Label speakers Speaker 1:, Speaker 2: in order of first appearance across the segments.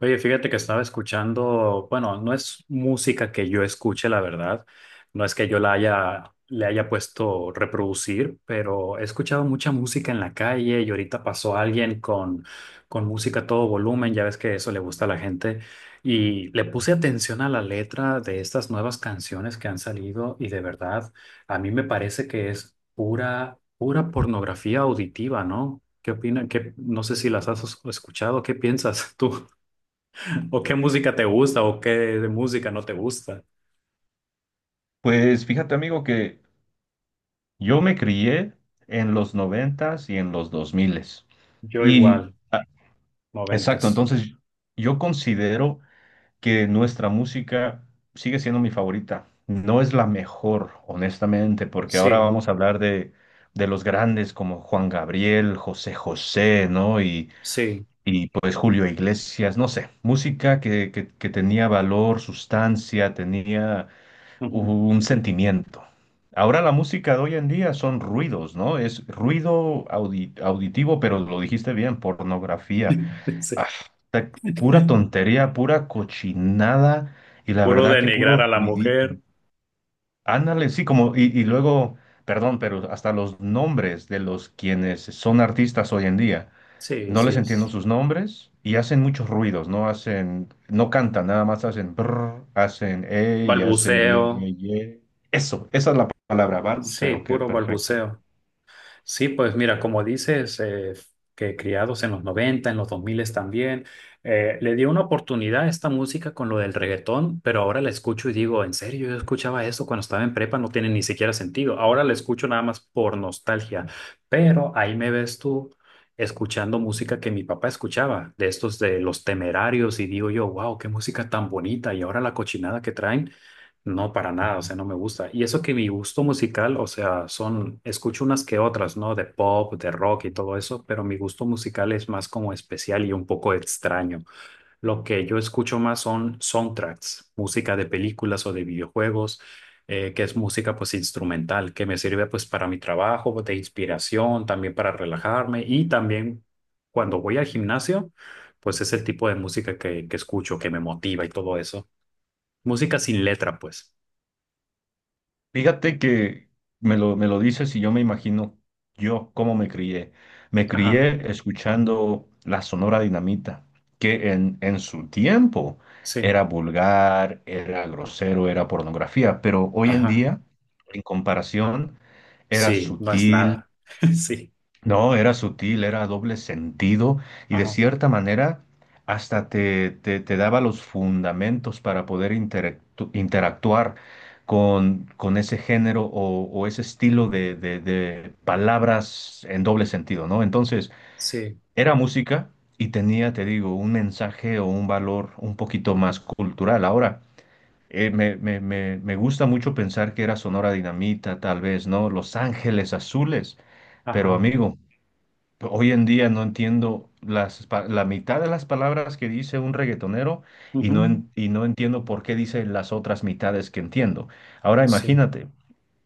Speaker 1: Oye, fíjate que estaba escuchando, bueno, no es música que yo escuche, la verdad, no es que yo le haya puesto reproducir, pero he escuchado mucha música en la calle y ahorita pasó alguien con música a todo volumen, ya ves que eso le gusta a la gente, y le puse atención a la letra de estas nuevas canciones que han salido y de verdad, a mí me parece que es pura pornografía auditiva, ¿no? ¿Qué opinan? No sé si las has escuchado, ¿qué piensas tú? ¿O qué música te gusta o qué de música no te gusta?
Speaker 2: Pues fíjate, amigo, que yo me crié en los noventas y en los dos miles.
Speaker 1: Yo
Speaker 2: Y
Speaker 1: igual,
Speaker 2: exacto,
Speaker 1: noventas.
Speaker 2: entonces yo considero que nuestra música sigue siendo mi favorita. No es la mejor, honestamente, porque ahora
Speaker 1: Sí,
Speaker 2: vamos a hablar de los grandes como Juan Gabriel, José José, ¿no?
Speaker 1: sí.
Speaker 2: Y pues Julio Iglesias, no sé, música que tenía valor, sustancia, tenía
Speaker 1: Ujú.
Speaker 2: un sentimiento. Ahora la música de hoy en día son ruidos, ¿no? Es ruido auditivo, pero lo dijiste bien, pornografía. Ah,
Speaker 1: Sí.
Speaker 2: ta- Pura tontería, pura cochinada y la
Speaker 1: Puro
Speaker 2: verdad que
Speaker 1: denigrar
Speaker 2: puro
Speaker 1: a la
Speaker 2: ruidito.
Speaker 1: mujer.
Speaker 2: Ándale, sí, como, y luego, perdón, pero hasta los nombres de los quienes son artistas hoy en día.
Speaker 1: Sí,
Speaker 2: No les
Speaker 1: sí.
Speaker 2: entiendo
Speaker 1: es
Speaker 2: sus nombres y hacen muchos ruidos, no hacen, no cantan, nada más hacen brr, hacen y hacen ye,
Speaker 1: Balbuceo.
Speaker 2: ye, ye. Eso, esa es la palabra,
Speaker 1: Sí,
Speaker 2: balbuceo, qué
Speaker 1: puro
Speaker 2: perfecto.
Speaker 1: balbuceo. Sí, pues mira, como dices, que criados en los 90, en los 2000 también, le dio una oportunidad a esta música con lo del reggaetón, pero ahora la escucho y digo, en serio, yo escuchaba eso cuando estaba en prepa, no tiene ni siquiera sentido. Ahora la escucho nada más por nostalgia, pero ahí me ves tú escuchando música que mi papá escuchaba, de estos de Los Temerarios, y digo yo, wow, qué música tan bonita, y ahora la cochinada que traen. No, para nada, o sea, no me gusta. Y eso que mi gusto musical, o sea, son, escucho unas que otras, ¿no? De pop, de rock y todo eso, pero mi gusto musical es más como especial y un poco extraño. Lo que yo escucho más son soundtracks, música de películas o de videojuegos, que es música pues instrumental, que me sirve pues para mi trabajo, de inspiración, también para relajarme y también cuando voy al gimnasio, pues es el tipo de música que escucho, que me motiva y todo eso. Música sin letra, pues.
Speaker 2: Fíjate que me lo dices y yo me imagino yo cómo me crié. Me
Speaker 1: Ajá.
Speaker 2: crié escuchando la Sonora Dinamita, que en su tiempo
Speaker 1: Sí,
Speaker 2: era vulgar, era grosero, era pornografía, pero hoy en
Speaker 1: ajá,
Speaker 2: día, en comparación, era
Speaker 1: sí, no es
Speaker 2: sutil.
Speaker 1: nada. Sí,
Speaker 2: No, era sutil, era doble sentido y de
Speaker 1: ajá,
Speaker 2: cierta manera hasta te daba los fundamentos para poder interactuar con ese género o ese estilo de, de palabras en doble sentido, ¿no? Entonces,
Speaker 1: sí,
Speaker 2: era música y tenía, te digo, un mensaje o un valor un poquito más cultural. Ahora, me gusta mucho pensar que era Sonora Dinamita, tal vez, ¿no? Los Ángeles Azules, pero
Speaker 1: ajá,
Speaker 2: amigo. Hoy en día no entiendo las, la mitad de las palabras que dice un reggaetonero y
Speaker 1: ujú.
Speaker 2: no, y no entiendo por qué dice las otras mitades que entiendo. Ahora
Speaker 1: Sí,
Speaker 2: imagínate,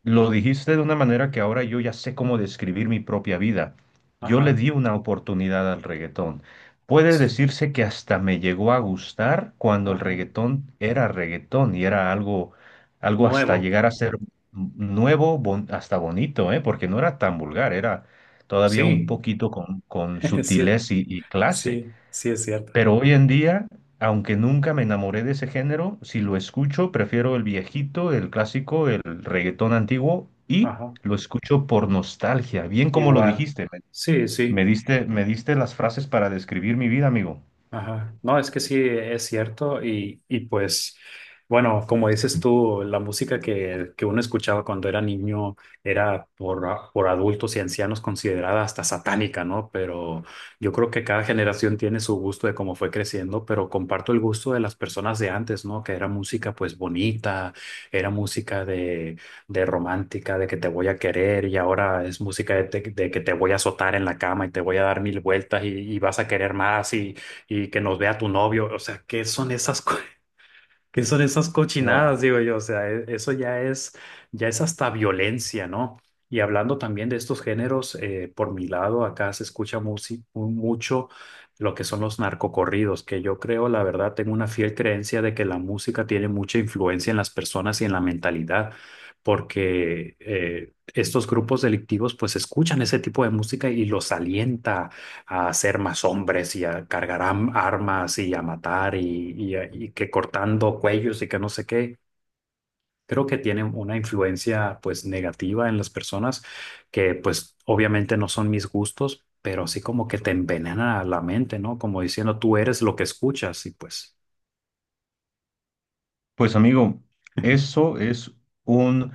Speaker 2: lo dijiste de una manera que ahora yo ya sé cómo describir mi propia vida. Yo le
Speaker 1: ajá,
Speaker 2: di una oportunidad al reggaetón. Puede
Speaker 1: sí,
Speaker 2: decirse que hasta me llegó a gustar cuando el
Speaker 1: ajá.
Speaker 2: reggaetón era reggaetón y era algo, algo hasta
Speaker 1: Nuevo,
Speaker 2: llegar a ser nuevo, hasta bonito, ¿eh? Porque no era tan vulgar, era todavía un
Speaker 1: sí.
Speaker 2: poquito con
Speaker 1: es cier-
Speaker 2: sutilez y clase.
Speaker 1: sí, sí es cierto.
Speaker 2: Pero hoy en día, aunque nunca me enamoré de ese género, si lo escucho, prefiero el viejito, el clásico, el reggaetón antiguo y
Speaker 1: Ajá,
Speaker 2: lo escucho por nostalgia, bien como lo
Speaker 1: igual.
Speaker 2: dijiste.
Speaker 1: Sí, sí.
Speaker 2: Me diste las frases para describir mi vida, amigo.
Speaker 1: Ajá. No, es que sí, es cierto. Bueno, como dices tú, la música que uno escuchaba cuando era niño era por adultos y ancianos considerada hasta satánica, ¿no? Pero yo creo que cada generación tiene su gusto de cómo fue creciendo, pero comparto el gusto de las personas de antes, ¿no? Que era música pues bonita, era música de romántica, de que te voy a querer y ahora es música de que te voy a azotar en la cama y te voy a dar mil vueltas y vas a querer más y que nos vea tu novio, o sea, ¿qué son esas, co- ¿qué son esas
Speaker 2: No.
Speaker 1: cochinadas? Digo yo, o sea, eso ya es hasta violencia, ¿no? Y hablando también de estos géneros, por mi lado, acá se escucha mucho lo que son los narcocorridos, que yo creo, la verdad, tengo una fiel creencia de que la música tiene mucha influencia en las personas y en la mentalidad, porque estos grupos delictivos pues escuchan ese tipo de música y los alienta a ser más hombres y a cargar armas y a matar y que cortando cuellos y que no sé qué. Creo que tiene una influencia pues negativa en las personas que pues obviamente no son mis gustos, pero así como que te envenena la mente, ¿no? Como diciendo tú eres lo que escuchas y pues,
Speaker 2: Pues amigo, eso es un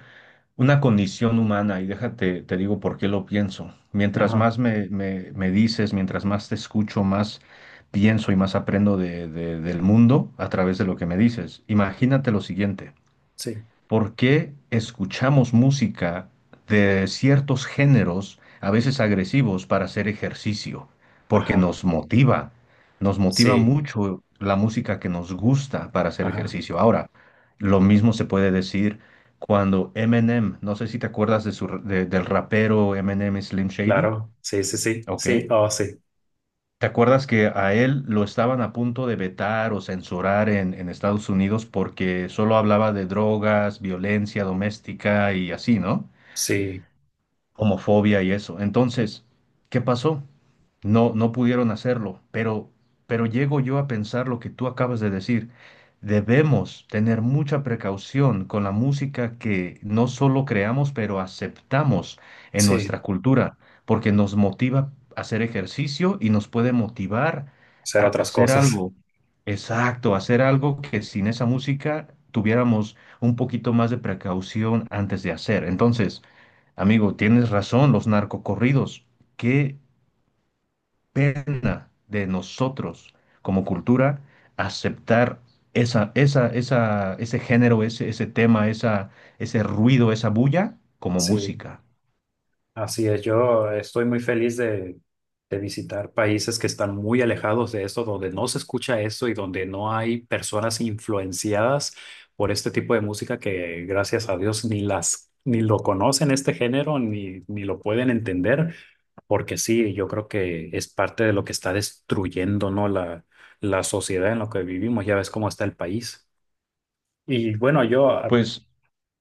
Speaker 2: una condición humana y déjate, te digo por qué lo pienso. Mientras
Speaker 1: ajá,
Speaker 2: más me dices, mientras más te escucho, más pienso y más aprendo del mundo a través de lo que me dices. Imagínate lo siguiente.
Speaker 1: sí,
Speaker 2: ¿Por qué escuchamos música de ciertos géneros, a veces agresivos, para hacer ejercicio? Porque
Speaker 1: ajá,
Speaker 2: nos motiva
Speaker 1: sí,
Speaker 2: mucho la música que nos gusta para hacer
Speaker 1: ajá,
Speaker 2: ejercicio. Ahora, lo mismo se puede decir cuando Eminem, no sé si te acuerdas de su, del rapero Eminem Slim Shady.
Speaker 1: claro, sí, sí, sí,
Speaker 2: Ok.
Speaker 1: sí, oh, sí,
Speaker 2: ¿Te acuerdas que a él lo estaban a punto de vetar o censurar en Estados Unidos porque solo hablaba de drogas, violencia doméstica y así, ¿no?
Speaker 1: sí,
Speaker 2: Homofobia y eso. Entonces, ¿qué pasó? No, no pudieron hacerlo, pero llego yo a pensar lo que tú acabas de decir. Debemos tener mucha precaución con la música que no solo creamos, pero aceptamos en
Speaker 1: sí,
Speaker 2: nuestra cultura, porque nos motiva a hacer ejercicio y nos puede motivar
Speaker 1: hacer
Speaker 2: a
Speaker 1: otras
Speaker 2: hacer
Speaker 1: cosas.
Speaker 2: algo. Exacto, hacer algo que sin esa música tuviéramos un poquito más de precaución antes de hacer. Entonces, amigo, tienes razón, los narcocorridos. Qué pena de nosotros como cultura aceptar ese género, ese tema, ese ruido, esa bulla como
Speaker 1: Sí.
Speaker 2: música.
Speaker 1: Así es, yo estoy muy feliz de visitar países que están muy alejados de esto, donde no se escucha esto y donde no hay personas influenciadas por este tipo de música gracias a Dios, ni lo conocen este género, ni lo pueden entender, porque sí, yo creo que es parte de lo que está destruyendo, ¿no? La sociedad en la que vivimos, ya ves cómo está el país. Y bueno, yo
Speaker 2: Pues,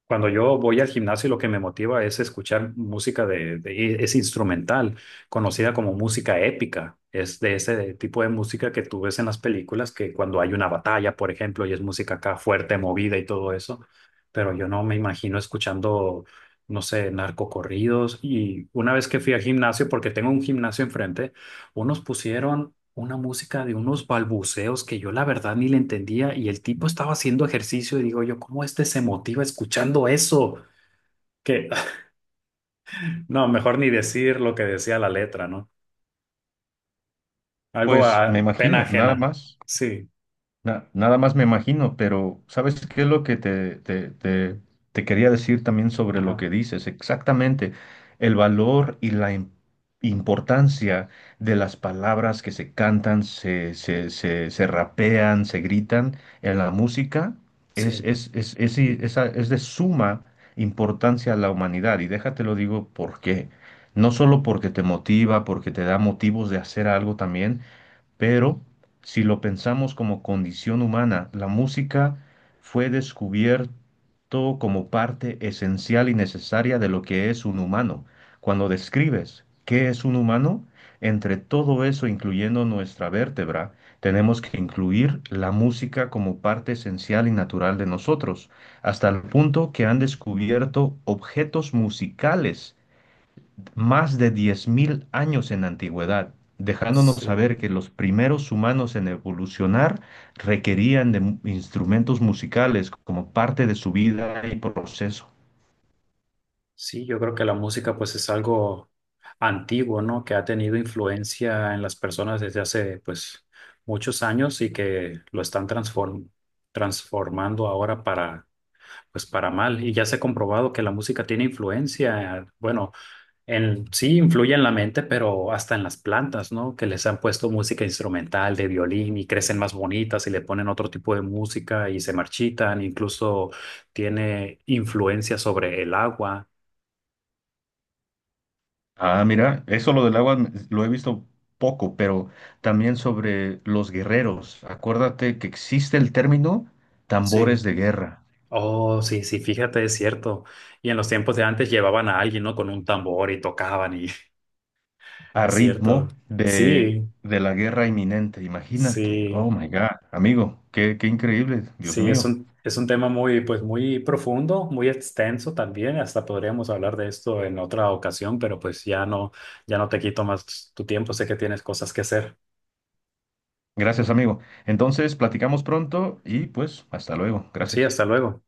Speaker 1: cuando yo voy al gimnasio, lo que me motiva es escuchar música es instrumental, conocida como música épica. Es de ese tipo de música que tú ves en las películas, que cuando hay una batalla, por ejemplo, y es música acá fuerte, movida y todo eso. Pero yo no me imagino escuchando, no sé, narcocorridos. Y una vez que fui al gimnasio, porque tengo un gimnasio enfrente, unos pusieron una música de unos balbuceos que yo la verdad ni le entendía y el tipo estaba haciendo ejercicio y digo yo, ¿cómo este se motiva escuchando eso? Que no, mejor ni decir lo que decía la letra, ¿no? Algo
Speaker 2: pues me
Speaker 1: a pena
Speaker 2: imagino, nada
Speaker 1: ajena.
Speaker 2: más.
Speaker 1: Sí,
Speaker 2: Nada más me imagino, pero ¿sabes qué es lo que te quería decir también sobre lo
Speaker 1: ajá,
Speaker 2: que dices? Exactamente, el valor y la importancia de las palabras que se cantan, se rapean, se gritan en la música es,
Speaker 1: sí,
Speaker 2: es de suma importancia a la humanidad. Y déjate lo digo por qué. No solo porque te motiva, porque te da motivos de hacer algo también, pero si lo pensamos como condición humana, la música fue descubierto como parte esencial y necesaria de lo que es un humano. Cuando describes qué es un humano, entre todo eso, incluyendo nuestra vértebra, tenemos que incluir la música como parte esencial y natural de nosotros, hasta el punto que han descubierto objetos musicales más de 10.000 años en antigüedad, dejándonos
Speaker 1: sí,
Speaker 2: saber que los primeros humanos en evolucionar requerían de instrumentos musicales como parte de su vida y proceso.
Speaker 1: sí, yo creo que la música pues es algo antiguo, ¿no? Que ha tenido influencia en las personas desde hace pues muchos años y que lo están transformando ahora para pues para mal. Y ya se ha comprobado que la música tiene influencia, bueno, en, sí influye en la mente, pero hasta en las plantas, ¿no? Que les han puesto música instrumental de violín y crecen más bonitas y le ponen otro tipo de música y se marchitan, incluso tiene influencia sobre el agua,
Speaker 2: Ah, mira, eso lo del agua lo he visto poco, pero también sobre los guerreros. Acuérdate que existe el término
Speaker 1: sí.
Speaker 2: tambores de guerra,
Speaker 1: Oh, sí, sí, fíjate, es cierto. Y en los tiempos de antes llevaban a alguien, ¿no? Con un tambor y tocaban y
Speaker 2: a
Speaker 1: es cierto.
Speaker 2: ritmo
Speaker 1: Sí,
Speaker 2: de la guerra inminente. Imagínate, oh
Speaker 1: sí.
Speaker 2: my God, amigo, qué, qué increíble, Dios
Speaker 1: Sí,
Speaker 2: mío.
Speaker 1: es un tema muy, pues, muy profundo, muy extenso también. Hasta podríamos hablar de esto en otra ocasión, pero pues ya no, ya no te quito más tu tiempo. Sé que tienes cosas que hacer.
Speaker 2: Gracias, amigo. Entonces, platicamos pronto y pues hasta luego.
Speaker 1: Sí,
Speaker 2: Gracias.
Speaker 1: hasta luego.